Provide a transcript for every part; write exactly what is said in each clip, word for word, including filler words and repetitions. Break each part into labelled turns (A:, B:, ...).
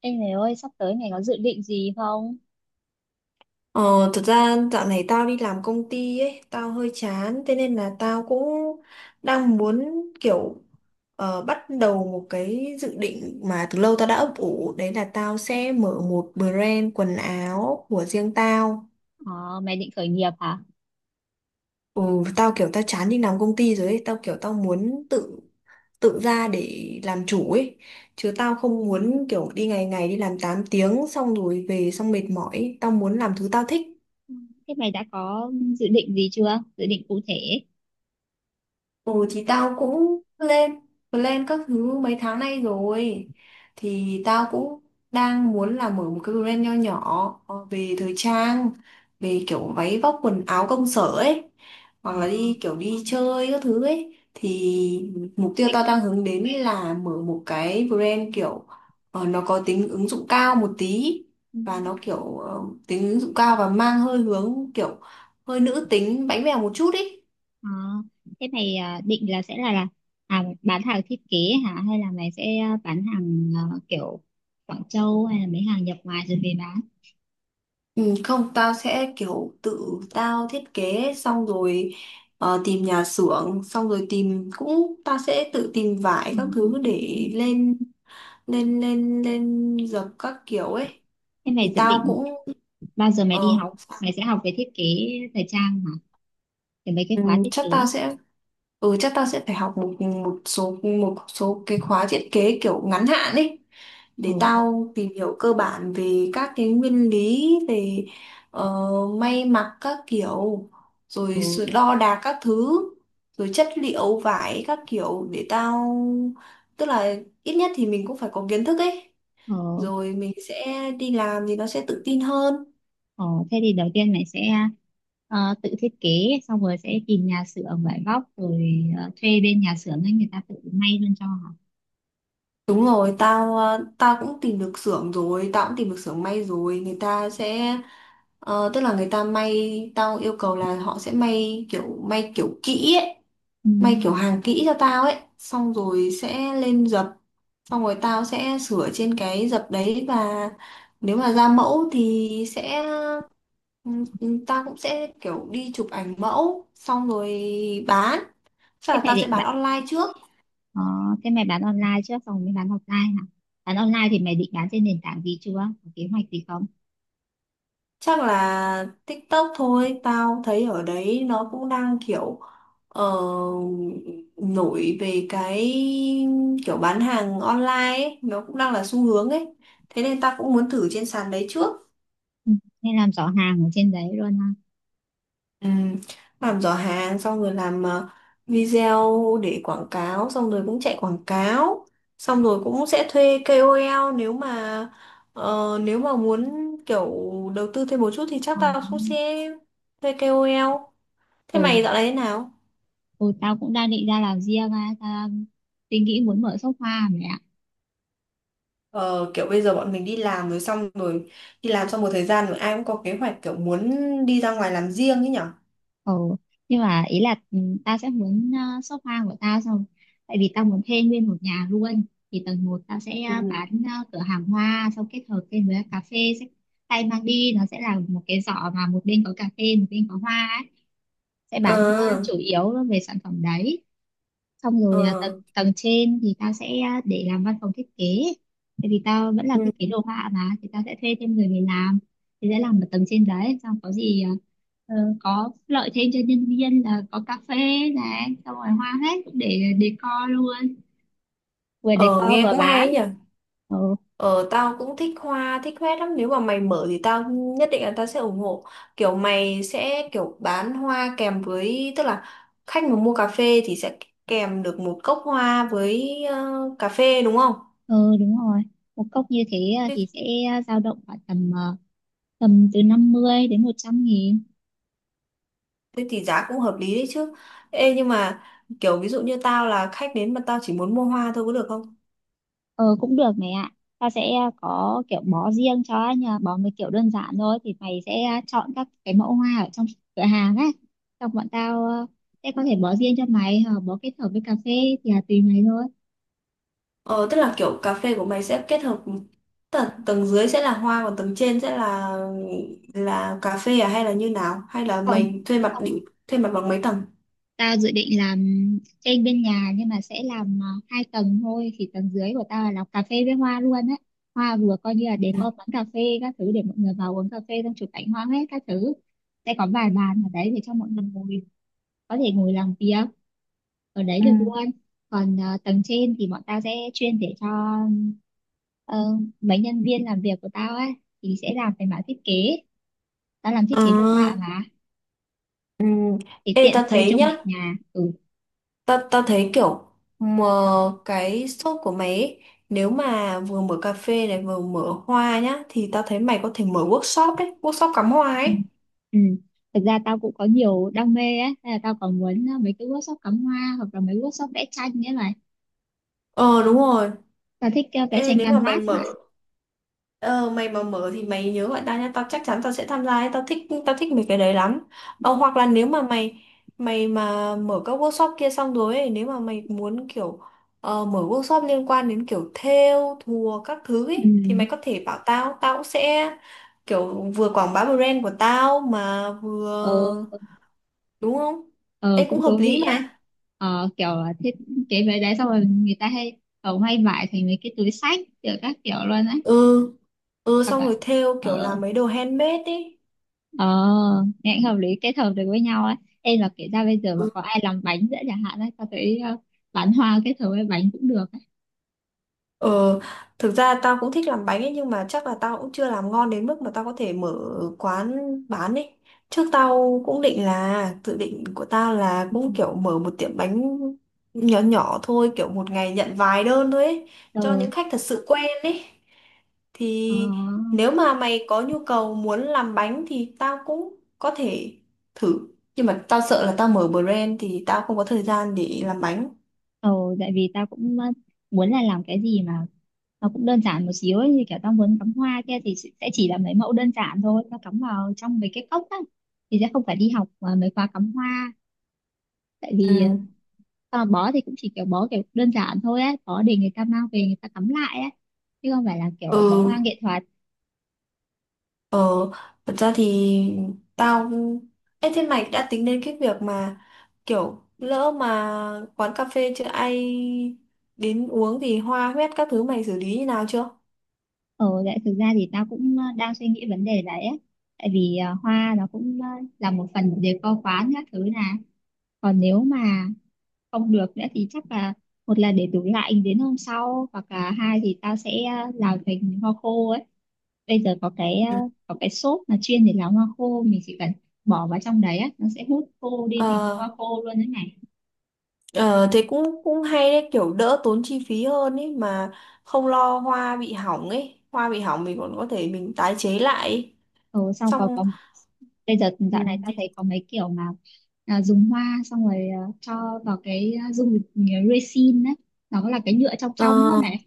A: Ê mày ơi, sắp tới mày có dự định gì không?
B: Ờ, thật ra dạo này tao đi làm công ty ấy, tao hơi chán, thế nên là tao cũng đang muốn kiểu ờ, bắt đầu một cái dự định mà từ lâu tao đã ấp ủ, đấy là tao sẽ mở một brand quần áo của riêng tao.
A: Ờ, Mày định khởi nghiệp hả?
B: Ừ, tao kiểu tao chán đi làm công ty rồi ấy, tao kiểu tao muốn tự tự ra để làm chủ ấy, chứ tao không muốn kiểu đi ngày ngày đi làm tám tiếng xong rồi về xong mệt mỏi, ấy. Tao muốn làm thứ tao thích.
A: Ừ. Thế mày đã có dự định gì chưa? Dự định cụ thể.
B: Ừ thì tao cũng lên plan các thứ mấy tháng nay rồi thì tao cũng đang muốn là mở một cái brand nho nhỏ ờ, về thời trang, về kiểu váy vóc quần áo công sở ấy hoặc
A: Ờ,
B: là đi kiểu đi chơi các thứ ấy thì mục tiêu
A: mày...
B: tao đang hướng đến ấy là mở một cái brand kiểu ờ, nó có tính ứng dụng cao một tí
A: ừ,
B: và nó kiểu ờ, tính ứng dụng cao và mang hơi hướng kiểu hơi nữ tính bánh bèo một chút ý.
A: ờ, Thế mày à, định là sẽ là, là à, bán hàng thiết kế hả? Hay là mày sẽ à, bán hàng à, kiểu Quảng Châu hay là mấy hàng nhập ngoài rồi về bán?
B: Ừ, không, tao sẽ kiểu tự tao thiết kế xong rồi ờ, tìm nhà xưởng, xong rồi tìm cũng tao sẽ tự tìm vải
A: Ừ.
B: các thứ để lên lên lên lên dập các kiểu ấy
A: Thế mày
B: thì
A: dự
B: tao cũng
A: định bao giờ mày đi
B: ờ
A: học? Mày sẽ học về thiết kế thời trang hả? Thì mấy cái
B: Ừ,
A: khóa thiết
B: chắc
A: kế.
B: tao sẽ ừ chắc tao sẽ phải học một một số một số cái khóa thiết kế kiểu ngắn hạn ấy
A: Ồ,
B: để tao tìm hiểu cơ bản về các cái nguyên lý về ờ, may mặc các kiểu,
A: ồ,
B: rồi sự đo đạc các thứ, rồi chất liệu vải các kiểu để tao tức là ít nhất thì mình cũng phải có kiến thức ấy,
A: ồ.
B: rồi mình sẽ đi làm thì nó sẽ tự tin hơn.
A: Ồ, thế thì đầu tiên mày sẽ ờ, tự thiết kế xong rồi sẽ tìm nhà xưởng vải vóc rồi ờ, thuê bên nhà xưởng ấy người ta tự may luôn cho hả?
B: Đúng rồi, tao ờ, tao cũng tìm được xưởng rồi, tao cũng tìm được xưởng may rồi, người ta sẽ ờ, tức là người ta may, tao yêu cầu là họ sẽ may kiểu may kiểu kỹ ấy,
A: Ừ.
B: may kiểu hàng kỹ cho tao ấy, xong rồi sẽ lên dập, xong rồi tao sẽ sửa trên cái dập đấy và nếu mà ra mẫu thì sẽ ừ, Tao cũng sẽ kiểu đi chụp ảnh mẫu xong rồi bán, chắc
A: Thế
B: là
A: mày
B: tao sẽ
A: định
B: bán
A: bạn
B: online trước.
A: ờ, thế mày bán online trước xong mới bán offline hả? Bán online thì mày định bán trên nền tảng gì chưa? Có kế hoạch gì không?
B: Chắc là TikTok thôi, tao thấy ở đấy nó cũng đang kiểu ờ, nổi về cái kiểu bán hàng online ấy, nó cũng đang là xu hướng ấy. Thế nên tao cũng muốn thử trên sàn đấy trước.
A: Ừ. Nên làm rõ hàng ở trên đấy luôn ha.
B: Ừ, làm giỏ hàng xong rồi làm ờ, video để quảng cáo, xong rồi cũng chạy quảng cáo, xong rồi cũng sẽ thuê ca o lờ nếu mà ờ, nếu mà muốn kiểu đầu tư thêm một chút thì chắc
A: Ờ.
B: tao cũng sẽ thuê ca o lờ. Thế
A: Ừ.
B: mày dạo này thế nào?
A: ừ, Tao cũng đang định ra làm riêng á, tao đang suy nghĩ muốn mở shop hoa mẹ.
B: Ờ, kiểu bây giờ bọn mình đi làm rồi, xong rồi đi làm xong một thời gian rồi ai cũng có kế hoạch kiểu muốn đi ra ngoài làm riêng ấy nhở.
A: Ừ. Nhưng mà ý là ừ, tao sẽ muốn ờ, sofa của tao xong, tại vì tao muốn thuê nguyên một nhà luôn, thì tầng một tao sẽ ờ,
B: Ừ.
A: bán ờ, cửa hàng hoa xong kết hợp thêm với cà phê, sẽ tay mang đi nó sẽ là một cái giỏ mà một bên có cà phê một bên có hoa ấy. Sẽ
B: Ờ,
A: bán ờ, chủ yếu về sản phẩm đấy, xong rồi ờ,
B: ờ,
A: tầng tầng trên thì tao sẽ ờ, để làm văn phòng thiết kế, tại vì tao vẫn là
B: ừ.
A: thiết kế đồ họa mà, thì tao sẽ thuê thêm người về làm, thì sẽ làm ở tầng trên đấy xong có gì ờ, Ờ, có lợi thêm cho nhân viên là có cà phê này, xong rồi hoa hết để decor luôn, vừa
B: ờ,
A: decor
B: Nghe
A: vừa
B: cũng hay ấy
A: bán.
B: nhỉ.
A: ừ,
B: Ờ, tao cũng thích hoa, thích hoa lắm. Nếu mà mày mở thì tao nhất định là tao sẽ ủng hộ. Kiểu mày sẽ kiểu bán hoa kèm với, tức là khách mà mua cà phê thì sẽ kèm được một cốc hoa với ờ, cà phê, đúng không?
A: ừ Đúng rồi, một cốc như thế à, thì sẽ dao động khoảng tầm à, tầm từ năm mươi đến một trăm nghìn.
B: Thế thì giá cũng hợp lý đấy chứ. Ê nhưng mà kiểu ví dụ như tao là khách đến mà tao chỉ muốn mua hoa thôi có được không?
A: Ừ cũng được mày ạ, ta sẽ ờ, có kiểu bó riêng cho nhà, bó mấy kiểu đơn giản thôi, thì mày sẽ ờ, chọn các cái mẫu hoa ở trong cửa hàng ấy, xong bọn tao à, sẽ có thể bó riêng cho mày hoặc bó kết hợp với cà phê, thì là tùy mày thôi.
B: Ờ, tức là kiểu cà phê của mày sẽ kết hợp tầng, tầng dưới sẽ là hoa còn tầng trên sẽ là là cà phê, à hay là như nào? Hay là mày thuê mặt
A: Không,
B: định thuê mặt bằng mấy tầng?
A: tao dự định làm trên bên nhà nhưng mà sẽ làm à, hai tầng thôi, thì tầng dưới của tao là làm cà phê với hoa luôn á, hoa vừa coi như là để
B: Ừ.
A: có quán cà phê các thứ để mọi người vào uống cà phê xong chụp ảnh hoa hết các thứ, sẽ có vài bàn ở đấy để cho mọi người ngồi, có thể ngồi làm việc ở đấy
B: Ừ.
A: được luôn. Còn à, tầng trên thì bọn tao sẽ chuyên để cho ờ, mấy nhân viên làm việc của tao ấy, thì sẽ làm về mảng thiết kế, tao làm thiết
B: Ờ.
A: kế đồ họa mà,
B: Ừ.
A: thì
B: Ê,
A: tiện
B: tao
A: thuê
B: thấy
A: chung một
B: nhá,
A: nhà. Ừ.
B: Ta, ta thấy kiểu mà cái shop của mày ấy, nếu mà vừa mở cà phê này vừa mở hoa nhá thì ta thấy mày có thể mở workshop ấy, workshop cắm hoa ấy.
A: Ừ. Thật ra tao cũng có nhiều đam mê á, thế là tao còn muốn ờ, mấy cái workshop cắm hoa hoặc là mấy workshop vẽ tranh, nghĩa là
B: Ờ đúng rồi,
A: tao thích ờ, vẽ
B: ê,
A: tranh
B: nếu mà mày
A: canvas mà.
B: mở ờ, mày mà mở thì mày nhớ gọi tao nha, tao chắc chắn tao sẽ tham gia ấy. Tao thích, tao thích mấy cái đấy lắm. Ờ, hoặc là nếu mà mày mày mà mở các workshop kia xong rồi ấy, nếu mà mày muốn kiểu ờ, mở workshop liên quan đến kiểu thêu thùa các thứ
A: Ừ.
B: ấy, thì mày có thể bảo tao tao cũng sẽ kiểu vừa quảng bá brand của tao mà
A: Ờ,
B: vừa, đúng không?
A: ờ,
B: Ê cũng
A: Cũng
B: hợp
A: thú
B: lý
A: vị á.
B: mà.
A: Ờ, kiểu là thiết kế mấy đấy xong rồi người ta hay kiểu may vải thành mấy cái túi xách kiểu các kiểu luôn á.
B: Ừ, ừ,
A: Hoặc
B: xong
A: là
B: rồi thêu kiểu
A: ờ,
B: làm mấy đồ handmade ấy.
A: ờ, nghe cũng hợp lý, kết hợp được với nhau á. Ê, là kể ra bây giờ mà
B: Ừ.
A: có ai làm bánh nữa chẳng hạn á, tao thấy ờ, bán hoa kết hợp với bánh cũng được á.
B: Ờ, thực ra tao cũng thích làm bánh ấy nhưng mà chắc là tao cũng chưa làm ngon đến mức mà tao có thể mở quán bán ấy. Trước tao cũng định là dự định của tao là
A: Ừ.
B: cũng kiểu mở một tiệm bánh nhỏ nhỏ thôi, kiểu một ngày nhận vài đơn thôi ấy, cho
A: Ờ,
B: những khách thật sự quen ấy.
A: ờ.
B: Thì nếu mà mày có nhu cầu muốn làm bánh thì tao cũng có thể thử. Nhưng mà tao sợ là tao mở brand thì tao không có thời gian để làm bánh.
A: Ừ, tại vì tao cũng ờ, muốn là làm cái gì mà nó cũng đơn giản một xíu ấy, như kiểu tao muốn cắm hoa kia thì sẽ sẽ chỉ là mấy mẫu đơn giản thôi, tao cắm vào trong mấy cái cốc á, thì sẽ không phải đi học ờ, mấy khóa cắm hoa, tại vì ờ,
B: Ừ.
A: tao bó thì cũng chỉ kiểu bó kiểu đơn giản thôi á, bó để người ta mang về người ta cắm lại á, chứ không phải là kiểu bó
B: Ừ.
A: hoa nghệ thuật.
B: Ờ, thật ra thì tao... ê, thế mày đã tính đến cái việc mà kiểu lỡ mà quán cà phê chưa ai đến uống thì hoa huyét các thứ mày xử lý như nào chưa?
A: Ừ, tại thực ra thì tao cũng ờ, đang suy nghĩ vấn đề đấy á, tại vì ờ, hoa nó cũng ờ, là một phần của decor quán các thứ nè, còn nếu mà không được nữa thì chắc là một là để tủ lạnh đến hôm sau hoặc là hai thì tao sẽ ờ, làm thành hoa khô ấy. Bây giờ có cái ờ,
B: Ừ.
A: có cái xốp mà chuyên để làm hoa khô, mình chỉ cần bỏ vào trong đấy á, nó sẽ hút khô đi thành bông
B: Ờ,
A: hoa khô luôn đấy này.
B: ờ, thế cũng cũng hay đấy, kiểu đỡ tốn chi phí hơn ấy mà, không lo hoa bị hỏng ấy, hoa bị hỏng mình còn có thể mình tái chế lại ấy.
A: Ừ, sau còn
B: Xong.
A: có, bây giờ
B: Ừ.
A: dạo này tao thấy có mấy kiểu mà à, dùng hoa xong rồi à, cho vào cái à, dung dịch à, resin đấy, nó là cái nhựa trong
B: Ờ,
A: trong đó này.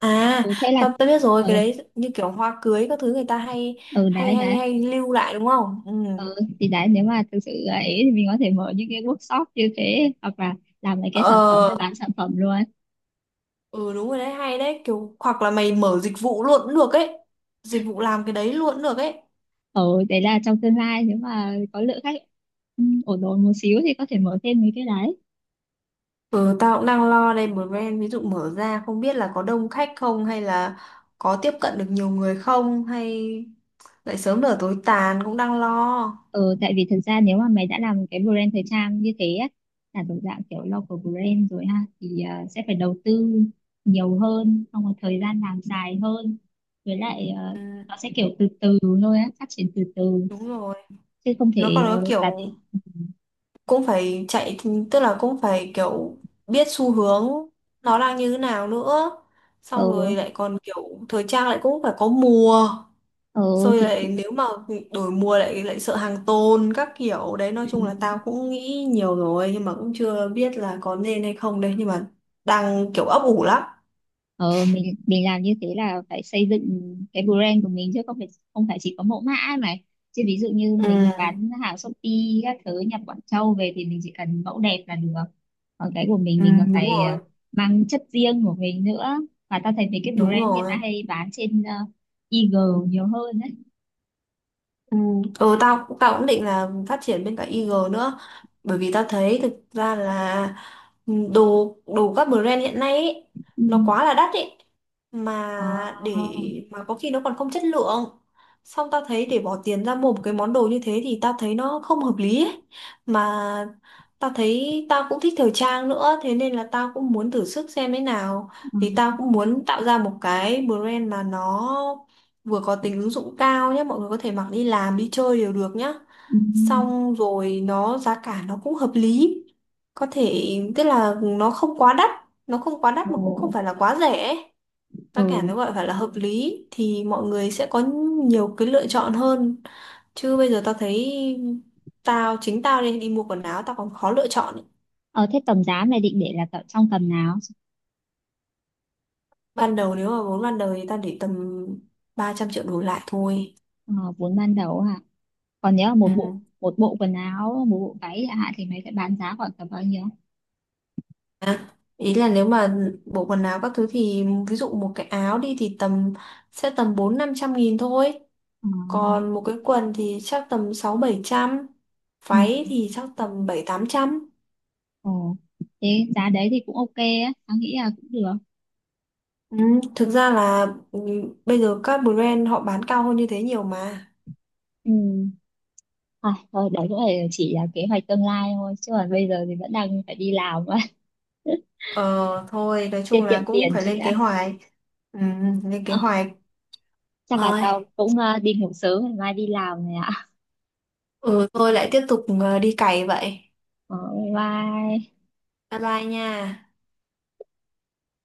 B: à,
A: ừ, thế là
B: tao tao biết rồi,
A: ừ,
B: cái đấy như kiểu hoa cưới các thứ người ta hay
A: ừ
B: hay
A: đấy
B: hay
A: đấy.
B: hay lưu lại đúng không? Ừ.
A: Ừ, thì đấy nếu mà thực sự là ý thì mình có thể mở những cái workshop như thế hoặc là làm mấy cái sản phẩm
B: Ờ,
A: hay bán sản phẩm luôn.
B: ừ đúng rồi đấy, hay đấy, kiểu hoặc là mày mở dịch vụ luôn cũng được ấy. Dịch vụ làm cái đấy luôn cũng được ấy.
A: Ừ, đấy là trong tương lai nếu mà có lượng khách ừ, ổn ổn một xíu thì có thể mở thêm mấy cái đấy.
B: Ừ, tao cũng đang lo đây, brand ví dụ mở ra không biết là có đông khách không, hay là có tiếp cận được nhiều người không, hay lại sớm nở tối tàn, cũng đang lo.
A: Ừ, tại vì thực ra nếu mà mày đã làm cái brand thời trang như thế á, là thuộc dạng kiểu local brand rồi ha, thì ờ, sẽ phải đầu tư nhiều hơn xong rồi thời gian làm dài hơn, với lại ờ,
B: Ừ,
A: nó sẽ kiểu từ từ thôi á, phát triển từ từ
B: đúng rồi.
A: chứ không
B: Nó còn
A: thể
B: có
A: ờ, đặt
B: kiểu cũng phải chạy, tức là cũng phải kiểu biết xu hướng nó đang như thế nào nữa, xong
A: ừ,
B: rồi lại còn kiểu thời trang lại cũng phải có mùa,
A: ừ,
B: rồi
A: thì
B: lại nếu mà đổi mùa lại lại sợ hàng tồn các kiểu đấy, nói
A: Ừ.
B: chung là tao cũng nghĩ nhiều rồi nhưng mà cũng chưa biết là có nên hay không đấy nhưng mà đang kiểu ấp ủ lắm.
A: Ờ, mình mình làm như thế là phải xây dựng cái brand của mình, chứ không phải không phải chỉ có mẫu mã ấy mà, chứ ví dụ như mình mà
B: Ừ,
A: bán hàng Shopee các thứ nhập Quảng Châu về thì mình chỉ cần mẫu đẹp là được, còn cái của mình
B: ừ,
A: mình còn
B: đúng
A: phải ờ,
B: rồi,
A: mang chất riêng của mình nữa. Và ta thấy mấy cái
B: đúng
A: brand hiện nay
B: rồi.
A: hay bán trên ờ, i giê nhiều hơn đấy.
B: Ừ, ừ, tao tao cũng định là phát triển bên cả Eagle nữa bởi vì tao thấy thực ra là ừ, đồ đồ các brand hiện nay ấy,
A: Ừ.
B: nó quá là đắt ấy
A: Ờ,
B: mà để
A: ờ,
B: mà có khi nó còn không chất lượng, xong tao thấy để bỏ tiền ra mua một cái món đồ như thế thì tao thấy nó không hợp lý ấy. Mà tao thấy tao cũng thích thời trang nữa thế nên là tao cũng muốn thử sức xem thế nào,
A: ừ.
B: thì tao cũng muốn tạo ra một cái brand mà nó vừa có tính ứng dụng cao nhé, mọi người có thể mặc đi làm, đi chơi đều được nhá, xong rồi nó giá cả nó cũng hợp lý, có thể tức là nó không quá đắt, nó không quá
A: Ờ,
B: đắt mà cũng không phải là quá rẻ ấy. Giá cả
A: ừ.
B: nó gọi phải là hợp lý thì mọi người sẽ có nhiều cái lựa chọn hơn, chứ bây giờ tao thấy tao chính tao đi đi mua quần áo tao còn khó lựa chọn ấy.
A: Ờ, thế tầm giá này định để là tầm- trong tầm nào?
B: Ban đầu nếu mà vốn ban đầu thì tao để tầm ba trăm triệu đổ lại thôi.
A: Ờ, vốn ban đầu hả? Còn nếu một bộ
B: Ừ.
A: một bộ quần áo một bộ váy chẳng hạn thì mấy cái bán giá khoảng tầm bao nhiêu?
B: À, ý là nếu mà bộ quần áo các thứ thì ví dụ một cái áo đi thì tầm sẽ tầm bốn năm trăm nghìn thôi,
A: Ờ,
B: còn một cái quần thì chắc tầm sáu bảy trăm,
A: ừ.
B: váy thì chắc tầm bảy tám trăm.
A: Ồ. Thế giá đấy thì cũng ok á, tao nghĩ là cũng được.
B: Ừ, thực ra là ừ, bây giờ các brand họ bán cao hơn như thế nhiều mà.
A: Ừ. À, thôi đấy cũng là chỉ là kế hoạch tương lai thôi chứ còn bây giờ thì vẫn đang phải đi làm mà.
B: Ờ thôi nói
A: Tiết
B: chung
A: kiệm
B: là cũng
A: tiền
B: phải
A: trước
B: lên
A: đã.
B: kế hoạch, ừ, lên kế
A: Ờ,
B: hoạch
A: chắc là
B: rồi,
A: tao cũng ờ, đi ngủ sớm ngày mai đi làm này ạ.
B: ừ tôi lại tiếp tục ờ, đi cày vậy.
A: Ờ, bye bye.
B: Bye bye nha.